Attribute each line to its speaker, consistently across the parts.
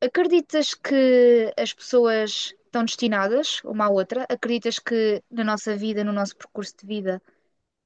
Speaker 1: Acreditas que as pessoas estão destinadas uma à outra? Acreditas que na nossa vida, no nosso percurso de vida,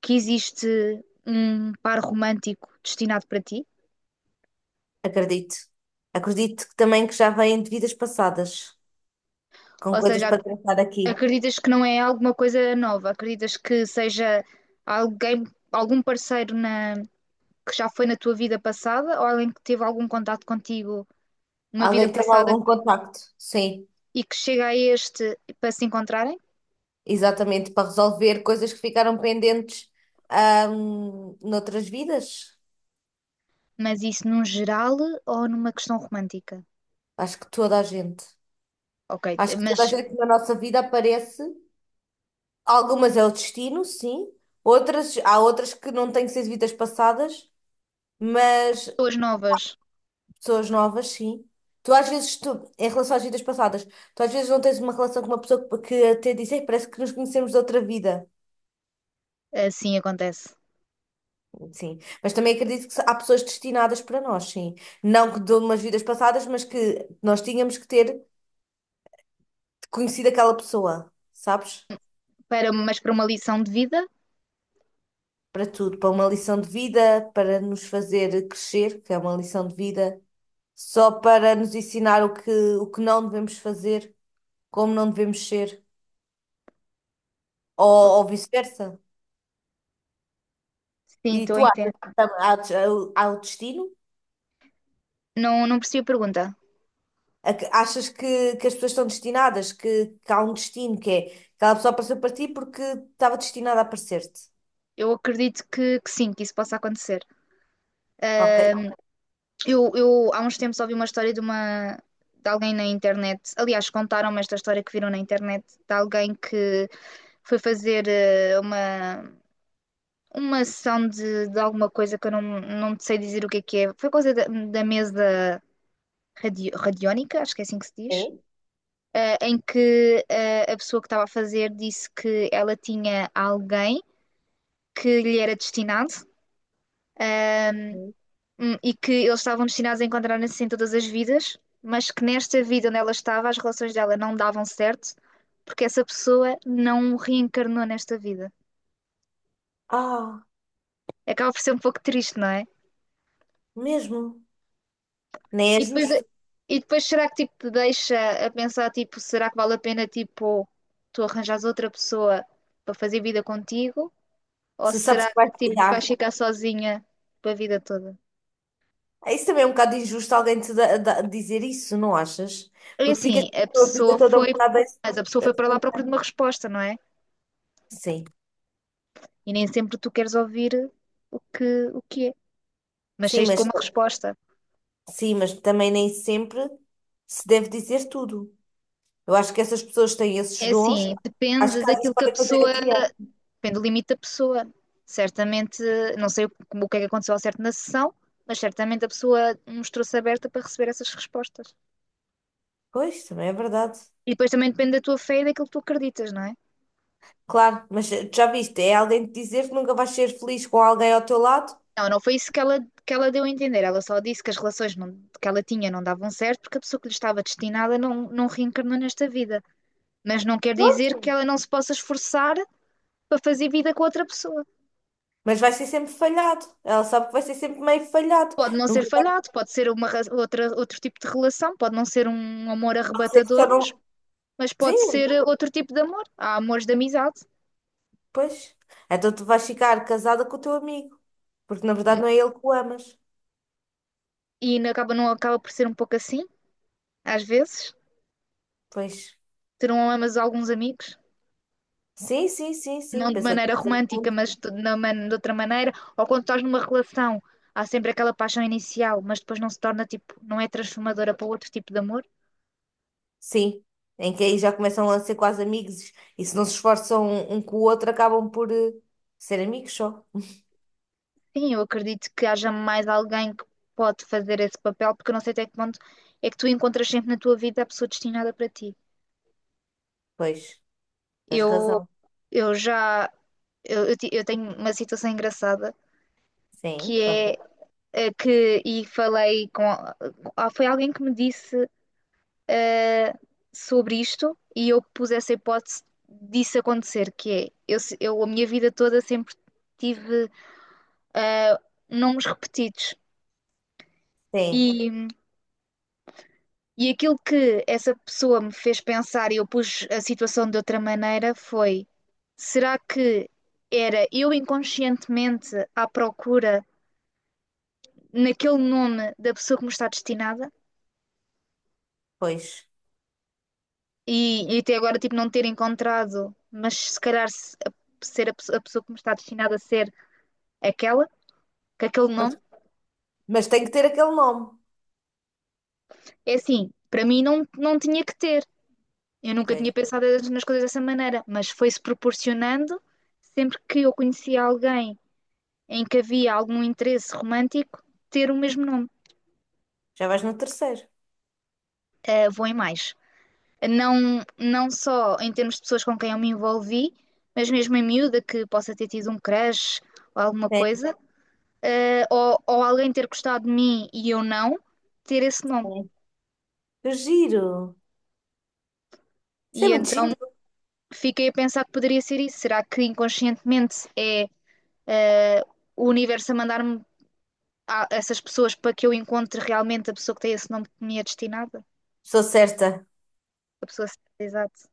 Speaker 1: que existe um par romântico destinado para ti?
Speaker 2: Acredito. Acredito que também que já vêm de vidas passadas, com
Speaker 1: Ou
Speaker 2: coisas
Speaker 1: seja,
Speaker 2: para tratar aqui.
Speaker 1: acreditas que não é alguma coisa nova? Acreditas que seja alguém, algum parceiro que já foi na tua vida passada ou alguém que teve algum contato contigo numa vida
Speaker 2: Alguém teve
Speaker 1: passada
Speaker 2: algum contacto? Sim,
Speaker 1: e que chega a este para se encontrarem?
Speaker 2: exatamente, para resolver coisas que ficaram pendentes, noutras vidas.
Speaker 1: Mas isso num geral ou numa questão romântica?
Speaker 2: Acho que toda a gente.
Speaker 1: Ok,
Speaker 2: Acho que toda a
Speaker 1: mas
Speaker 2: gente na nossa vida aparece. Algumas é o destino, sim. Outras, há outras que não têm que ser de vidas passadas, mas
Speaker 1: pessoas novas,
Speaker 2: pessoas novas, sim. Tu às vezes, em relação às vidas passadas, tu às vezes não tens uma relação com uma pessoa que até diz: "Ei, parece que nos conhecemos de outra vida."
Speaker 1: assim acontece.
Speaker 2: Sim. Mas também acredito que há pessoas destinadas para nós, sim. Não que de umas vidas passadas, mas que nós tínhamos que ter conhecido aquela pessoa, sabes?
Speaker 1: Para, mas para uma lição de vida,
Speaker 2: Para tudo, para uma lição de vida, para nos fazer crescer, que é uma lição de vida, só para nos ensinar o que não devemos fazer, como não devemos ser,
Speaker 1: oh,
Speaker 2: ou vice-versa.
Speaker 1: sim,
Speaker 2: E
Speaker 1: estou a
Speaker 2: tu
Speaker 1: entender.
Speaker 2: achas que há o destino?
Speaker 1: Não, não percebi a pergunta.
Speaker 2: Achas que as pessoas estão destinadas? Que há um destino que é aquela pessoa apareceu para ti porque estava destinada a aparecer-te?
Speaker 1: Eu acredito que, sim, que isso possa acontecer.
Speaker 2: Ok.
Speaker 1: Ahm, eu há uns tempos ouvi uma história de alguém na internet. Aliás, contaram-me esta história que viram na internet de alguém que foi fazer uma sessão de alguma coisa que eu não sei dizer o que é que é. Foi coisa da mesa radiónica, acho que é assim que se diz,
Speaker 2: É?
Speaker 1: em que a pessoa que estava a fazer disse que ela tinha alguém que lhe era destinado, ahm,
Speaker 2: É.
Speaker 1: e que eles estavam destinados a encontrar-se em todas as vidas, mas que nesta vida onde ela estava as relações dela não davam certo, porque essa pessoa não reencarnou nesta vida.
Speaker 2: Ah,
Speaker 1: Acaba por ser um pouco triste, não é?
Speaker 2: mesmo. Nem é
Speaker 1: E depois,
Speaker 2: justo.
Speaker 1: será que tipo te deixa a pensar tipo, será que vale a pena tipo tu arranjares outra pessoa para fazer vida contigo? Ou
Speaker 2: Se sabes
Speaker 1: será
Speaker 2: que
Speaker 1: que
Speaker 2: vai
Speaker 1: tipo
Speaker 2: tirar.
Speaker 1: vais ficar sozinha para a vida toda?
Speaker 2: É. Isso também é um bocado injusto alguém te dizer isso, não achas?
Speaker 1: É
Speaker 2: Porque ficas
Speaker 1: assim,
Speaker 2: com a tua vida toda um bocado.
Speaker 1: mas a pessoa foi para lá à procura de uma resposta, não é?
Speaker 2: Sim,
Speaker 1: E nem sempre tu queres ouvir o que é, mas
Speaker 2: sim,
Speaker 1: saíste com
Speaker 2: mas,
Speaker 1: uma resposta.
Speaker 2: sim, mas também nem sempre se deve dizer tudo. Eu acho que essas pessoas têm esses
Speaker 1: É
Speaker 2: dons.
Speaker 1: assim,
Speaker 2: As
Speaker 1: depende
Speaker 2: casas
Speaker 1: daquilo que a
Speaker 2: podem fazer
Speaker 1: pessoa
Speaker 2: a criar.
Speaker 1: depende do limite da pessoa. Certamente, não sei o que é que aconteceu ao certo na sessão, mas certamente a pessoa mostrou-se aberta para receber essas respostas.
Speaker 2: Pois, também é verdade.
Speaker 1: E depois também depende da tua fé e daquilo que tu acreditas, não é?
Speaker 2: Claro, mas já viste, é alguém te dizer que nunca vais ser feliz com alguém ao teu lado.
Speaker 1: Não, não foi isso que ela deu a entender. Ela só disse que as relações que ela tinha não davam certo porque a pessoa que lhe estava destinada não reencarnou nesta vida. Mas não quer dizer que
Speaker 2: Pronto,
Speaker 1: ela não se possa esforçar para fazer vida com outra pessoa.
Speaker 2: mas vai ser sempre falhado. Ela sabe que vai ser sempre meio falhado.
Speaker 1: Pode não ser
Speaker 2: Nunca vai
Speaker 1: falhado, pode ser uma, outro tipo de relação, pode não ser um amor
Speaker 2: dizer que
Speaker 1: arrebatador,
Speaker 2: só
Speaker 1: mas
Speaker 2: não.
Speaker 1: mas pode
Speaker 2: Sim,
Speaker 1: ser outro tipo de amor. Há amores de amizade.
Speaker 2: pois. Então tu vais ficar casada com o teu amigo, porque na
Speaker 1: Hum,
Speaker 2: verdade não é ele que o amas.
Speaker 1: e não acaba por ser um pouco assim, às vezes.
Speaker 2: Pois.
Speaker 1: Terão amas alguns amigos,
Speaker 2: Sim, sim, sim, sim.
Speaker 1: não de
Speaker 2: Pensa
Speaker 1: maneira
Speaker 2: dessa
Speaker 1: romântica,
Speaker 2: forma.
Speaker 1: mas de outra maneira. Ou quando estás numa relação, há sempre aquela paixão inicial, mas depois não se torna tipo, não é transformadora para outro tipo de amor.
Speaker 2: Sim, em que aí já começam a ser quase amigos e se não se esforçam um com o outro acabam por ser amigos só.
Speaker 1: Sim, eu acredito que haja mais alguém que pode fazer esse papel, porque eu não sei até que ponto é que tu encontras sempre na tua vida a pessoa destinada para ti.
Speaker 2: Pois, tens
Speaker 1: Eu,
Speaker 2: razão.
Speaker 1: eu já, eu ti- eu tenho uma situação engraçada
Speaker 2: Sim,
Speaker 1: que é
Speaker 2: conta.
Speaker 1: que e falei com foi alguém que me disse eh, sobre isto e eu pus essa hipótese disso acontecer, que é eu, se- eu a minha vida toda sempre tive eh, nomes repetidos.
Speaker 2: Sim,
Speaker 1: E, e aquilo que essa pessoa me fez pensar e eu pus a situação de outra maneira foi: será que era eu inconscientemente à procura naquele nome da pessoa que me está destinada?
Speaker 2: pois.
Speaker 1: E até agora, tipo, não ter encontrado, mas se calhar ser a pessoa que me está destinada a ser aquela, com aquele
Speaker 2: Mas,
Speaker 1: nome,
Speaker 2: mas tem que ter aquele nome.
Speaker 1: é assim, para mim não tinha que ter. Eu nunca tinha
Speaker 2: Pois,
Speaker 1: pensado nas coisas dessa maneira, mas foi-se proporcionando sempre que eu conhecia alguém em que havia algum interesse romântico, ter o mesmo nome.
Speaker 2: já vais no terceiro.
Speaker 1: Vou em mais. Não, não só em termos de pessoas com quem eu me envolvi, mas mesmo em miúda que possa ter tido um crush ou alguma
Speaker 2: Sim,
Speaker 1: coisa ou, alguém ter gostado de mim e eu não, ter esse nome.
Speaker 2: sim. Que giro. Isso é
Speaker 1: E
Speaker 2: muito
Speaker 1: então
Speaker 2: giro.
Speaker 1: fiquei a pensar que poderia ser isso. Será que inconscientemente é eh, o universo a mandar-me a essas pessoas para que eu encontre realmente a pessoa que tem esse nome que me é destinada?
Speaker 2: Sou certa.
Speaker 1: A pessoa certa, exato.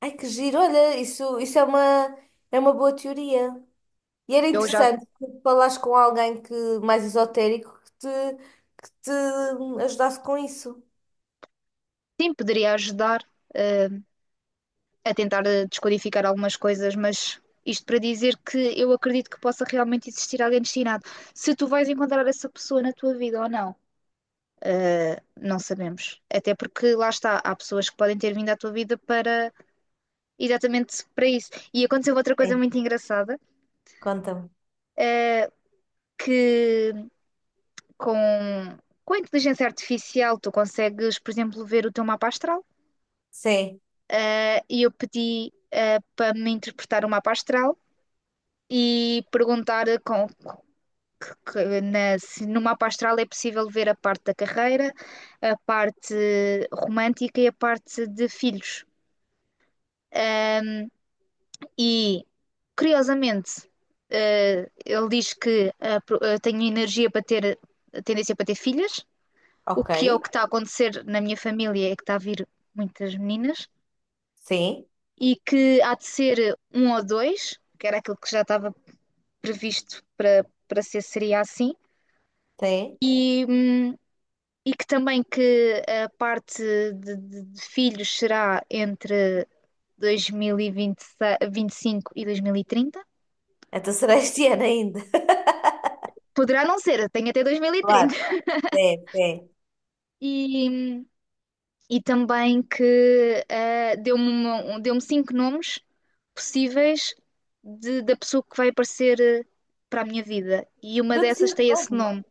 Speaker 2: Ai, que giro. Olha, isso é uma boa teoria. E era
Speaker 1: Eu já,
Speaker 2: interessante tu falares com alguém mais esotérico que te ajudasse com isso.
Speaker 1: sim, poderia ajudar eh, a tentar descodificar algumas coisas, mas. Isto para dizer que eu acredito que possa realmente existir alguém destinado. Se tu vais encontrar essa pessoa na tua vida ou não, não sabemos. Até porque lá está, há pessoas que podem ter vindo à tua vida para exatamente para isso. E aconteceu outra coisa muito engraçada,
Speaker 2: Conta-me.
Speaker 1: uh, que com, com, a inteligência artificial tu consegues, por exemplo, ver o teu mapa astral.
Speaker 2: Sim,
Speaker 1: E eu pedi para me interpretar o mapa astral e perguntar com, que na, se no mapa astral é possível ver a parte da carreira, a parte romântica e a parte de filhos. Um, E, curiosamente, ele diz que tenho energia para ter, tendência para ter filhas,
Speaker 2: ok.
Speaker 1: o que está a acontecer na minha família é que está a vir muitas meninas,
Speaker 2: Sim,
Speaker 1: e que há de ser um ou dois, que era aquilo que já estava previsto para ser, seria assim,
Speaker 2: sim.
Speaker 1: e, hum, e que também que a parte de, filhos será entre 2025 e 2030.
Speaker 2: Então será este ano ainda.
Speaker 1: Poderá não ser, tenho até 2030.
Speaker 2: Claro, sim, sim.
Speaker 1: E, e também que deu-me cinco nomes possíveis da pessoa que vai aparecer para a minha vida. E uma
Speaker 2: Deu-te
Speaker 1: dessas
Speaker 2: cinco
Speaker 1: tem esse
Speaker 2: nomes.
Speaker 1: nome.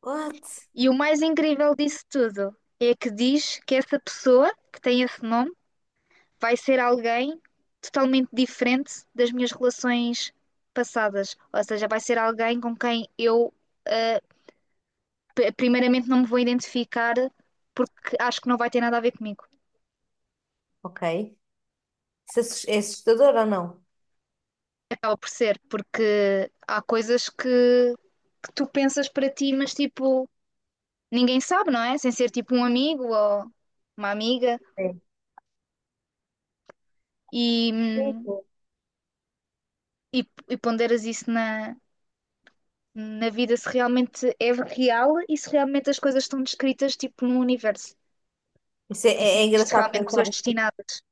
Speaker 2: What?
Speaker 1: E o mais incrível disso tudo é que diz que essa pessoa que tem esse nome vai ser alguém totalmente diferente das minhas relações passadas. Ou seja, vai ser alguém com quem eu, ah, primeiramente, não me vou identificar porque acho que não vai ter nada a ver comigo.
Speaker 2: Ok. Isso é é assustador ou não?
Speaker 1: Acaba por ser, porque há coisas que, tu pensas para ti, mas tipo, ninguém sabe, não é? Sem ser tipo um amigo ou uma amiga
Speaker 2: Sim.
Speaker 1: e,
Speaker 2: Sim,
Speaker 1: hum,
Speaker 2: sim.
Speaker 1: e ponderas isso na vida se realmente é real e se realmente as coisas estão descritas tipo no universo
Speaker 2: Isso é,
Speaker 1: e se
Speaker 2: é
Speaker 1: existem
Speaker 2: engraçado
Speaker 1: realmente
Speaker 2: pensar.
Speaker 1: pessoas destinadas.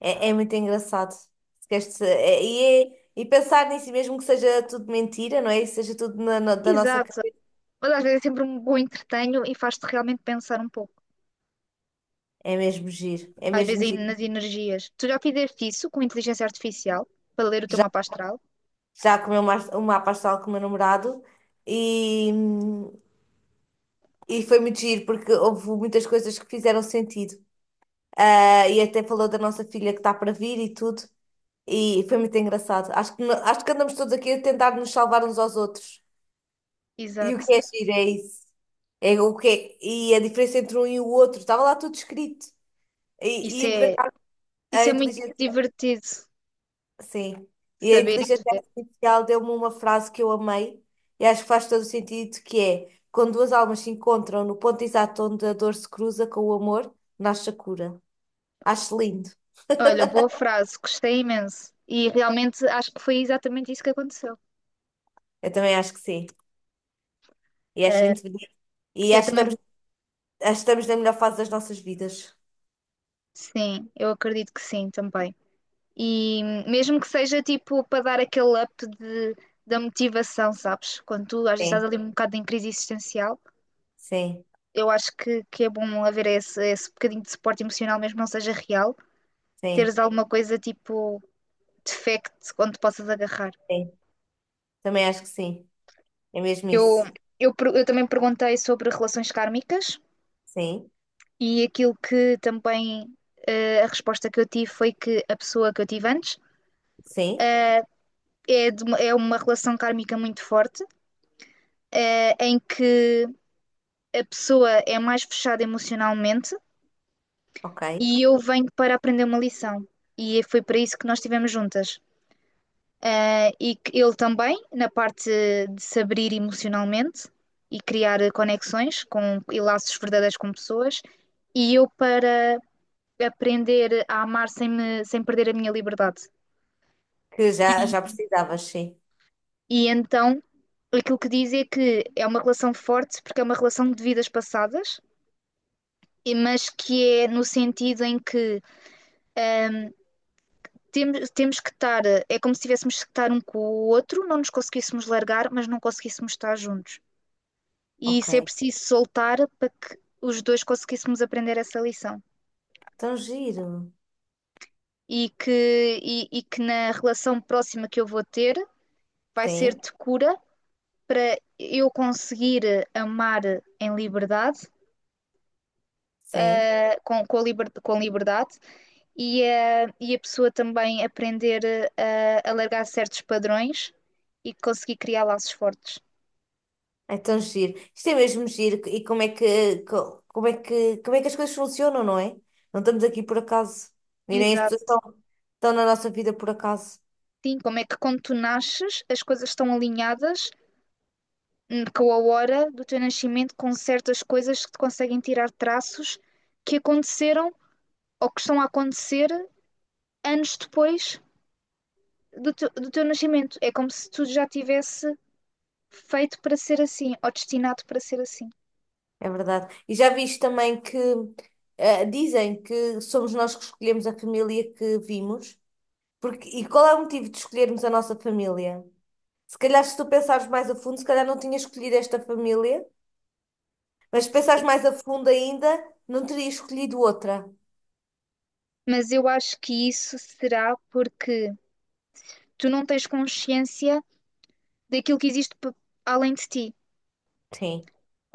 Speaker 2: É, é muito engraçado. Se queres pensar nisso, mesmo que seja tudo mentira, não é? E seja tudo da nossa
Speaker 1: Exato.
Speaker 2: cabeça.
Speaker 1: Mas às vezes é sempre um bom entretenho e faz-te realmente pensar um pouco.
Speaker 2: É mesmo giro. É
Speaker 1: Às
Speaker 2: mesmo
Speaker 1: vezes aí
Speaker 2: giro.
Speaker 1: nas energias. Tu já fizeste isso com inteligência artificial para ler o teu
Speaker 2: Já,
Speaker 1: mapa astral?
Speaker 2: já comeu uma pastel com o meu namorado e, e foi muito giro, porque houve muitas coisas que fizeram sentido. Ah, e até falou da nossa filha que está para vir e tudo. E foi muito engraçado. Acho que, no- acho que andamos todos aqui a tentar nos salvar uns aos outros. E o
Speaker 1: Exato.
Speaker 2: que é giro é isso. É o e a diferença entre um e o outro. Estava lá tudo escrito. E
Speaker 1: Isso
Speaker 2: é por
Speaker 1: é,
Speaker 2: acaso, a
Speaker 1: isso é muito
Speaker 2: inteligência...
Speaker 1: divertido
Speaker 2: Sim. E a
Speaker 1: saber
Speaker 2: inteligência
Speaker 1: e ver.
Speaker 2: artificial deu-me uma frase que eu amei. E acho que faz todo o sentido, que é... Quando duas almas se encontram no ponto exato onde a dor se cruza com o amor, nasce a cura. Acho lindo.
Speaker 1: Olha, boa frase, gostei imenso. E realmente acho que foi exatamente isso que aconteceu.
Speaker 2: Eu também acho que sim. E acho lindo. E
Speaker 1: Eu também,
Speaker 2: acho que estamos na melhor fase das nossas vidas.
Speaker 1: sim, eu acredito que sim também. E mesmo que seja tipo para dar aquele up da motivação, sabes? Quando tu às vezes estás
Speaker 2: Sim,
Speaker 1: ali um bocado em crise existencial,
Speaker 2: sim,
Speaker 1: eu acho que é bom haver esse bocadinho de suporte emocional, mesmo que não seja real,
Speaker 2: sim,
Speaker 1: teres alguma coisa tipo de fact onde possas agarrar.
Speaker 2: sim. Também acho que sim. É mesmo
Speaker 1: Eu,
Speaker 2: isso.
Speaker 1: eu também perguntei sobre relações kármicas
Speaker 2: Sim,
Speaker 1: e aquilo que também a resposta que eu tive foi que a pessoa que eu tive antes
Speaker 2: sim,
Speaker 1: é uma relação kármica muito forte, em que a pessoa é mais fechada emocionalmente
Speaker 2: ok.
Speaker 1: e eu venho para aprender uma lição. E foi para isso que nós estivemos juntas. Ah, e que ele também, na parte de se abrir emocionalmente e criar conexões e laços verdadeiros com pessoas, e eu para aprender a amar sem perder a minha liberdade.
Speaker 2: Que já,
Speaker 1: E,
Speaker 2: já precisavas, sim.
Speaker 1: e então, aquilo que diz é que é uma relação forte, porque é uma relação de vidas passadas, mas que é no sentido em que temos que estar, é como se tivéssemos que estar um com o outro, não nos conseguíssemos largar, mas não conseguíssemos estar juntos. E isso é
Speaker 2: Ok.
Speaker 1: preciso soltar para que os dois conseguíssemos aprender essa lição.
Speaker 2: Tão giro.
Speaker 1: E que na relação próxima que eu vou ter vai ser
Speaker 2: Sim,
Speaker 1: de cura para eu conseguir amar em liberdade,
Speaker 2: sim.
Speaker 1: com liberdade, e a pessoa também aprender a largar certos padrões e conseguir criar laços fortes.
Speaker 2: É tão giro. Isto é mesmo giro. E como é que, co- como é que as coisas funcionam, não é? Não estamos aqui por acaso. E nem as pessoas
Speaker 1: Exato.
Speaker 2: estão, estão na nossa vida por acaso.
Speaker 1: Sim, como é que quando tu nasces, as coisas estão alinhadas com a hora do teu nascimento, com certas coisas que te conseguem tirar traços que aconteceram ou que estão a acontecer anos depois do teu nascimento. É como se tudo já tivesse feito para ser assim, ou destinado para ser assim.
Speaker 2: É verdade. E já viste também que dizem que somos nós que escolhemos a família que vimos. Porque, e qual é o motivo de escolhermos a nossa família? Se calhar, se tu pensares mais a fundo, se calhar não tinha escolhido esta família, mas se pensares
Speaker 1: Sim.
Speaker 2: mais a fundo ainda, não teria escolhido outra.
Speaker 1: Mas eu acho que isso será porque tu não tens consciência daquilo que existe além de ti.
Speaker 2: Sim.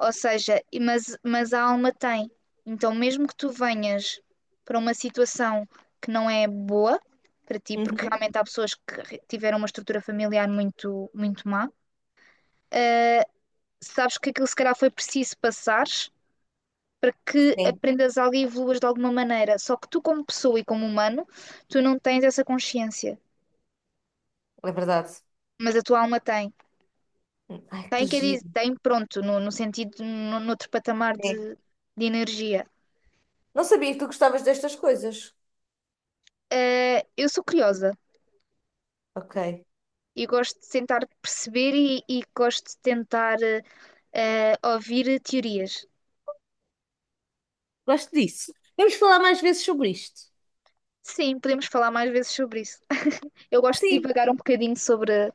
Speaker 1: Ou seja, mas a alma tem. Então, mesmo que tu venhas para uma situação que não é boa para ti, porque
Speaker 2: Uhum.
Speaker 1: realmente há pessoas que tiveram uma estrutura familiar muito, muito má, sabes que aquilo se calhar foi preciso passares para que
Speaker 2: Sim,
Speaker 1: aprendas algo e evoluas de alguma maneira. Só que tu, como pessoa e como humano, tu não tens essa consciência,
Speaker 2: é verdade.
Speaker 1: mas a tua alma tem.
Speaker 2: Ai, que
Speaker 1: Tem, quer dizer,
Speaker 2: giro.
Speaker 1: tem, pronto, no, no, sentido, no, noutro patamar
Speaker 2: Sim.
Speaker 1: de energia.
Speaker 2: Não sabia que tu gostavas destas coisas.
Speaker 1: Eu sou curiosa.
Speaker 2: Ok.
Speaker 1: E gosto de tentar perceber e gosto de tentar ouvir teorias.
Speaker 2: Gosto disso. Vamos falar mais vezes sobre isto.
Speaker 1: Sim, podemos falar mais vezes sobre isso. Eu gosto de
Speaker 2: Sim.
Speaker 1: divagar um bocadinho sobre,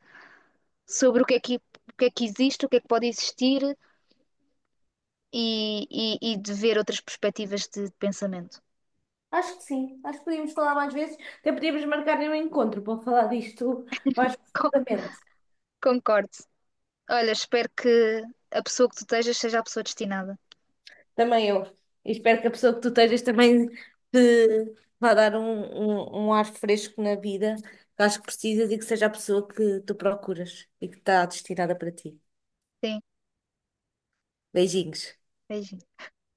Speaker 1: o que é que existe, o que é que pode existir e de ver outras perspectivas de, pensamento.
Speaker 2: Acho que sim, acho que podíamos falar mais vezes, até podíamos marcar um encontro para falar disto mais
Speaker 1: Con-
Speaker 2: profundamente.
Speaker 1: Concordo. Olha, espero que a pessoa que tu estejas seja a pessoa destinada.
Speaker 2: Também eu. E espero que a pessoa que tu estejas também te vá dar um, um ar fresco na vida, que acho que precisas e que seja a pessoa que tu procuras e que está destinada para ti.
Speaker 1: Sim,
Speaker 2: Beijinhos.
Speaker 1: beijinho.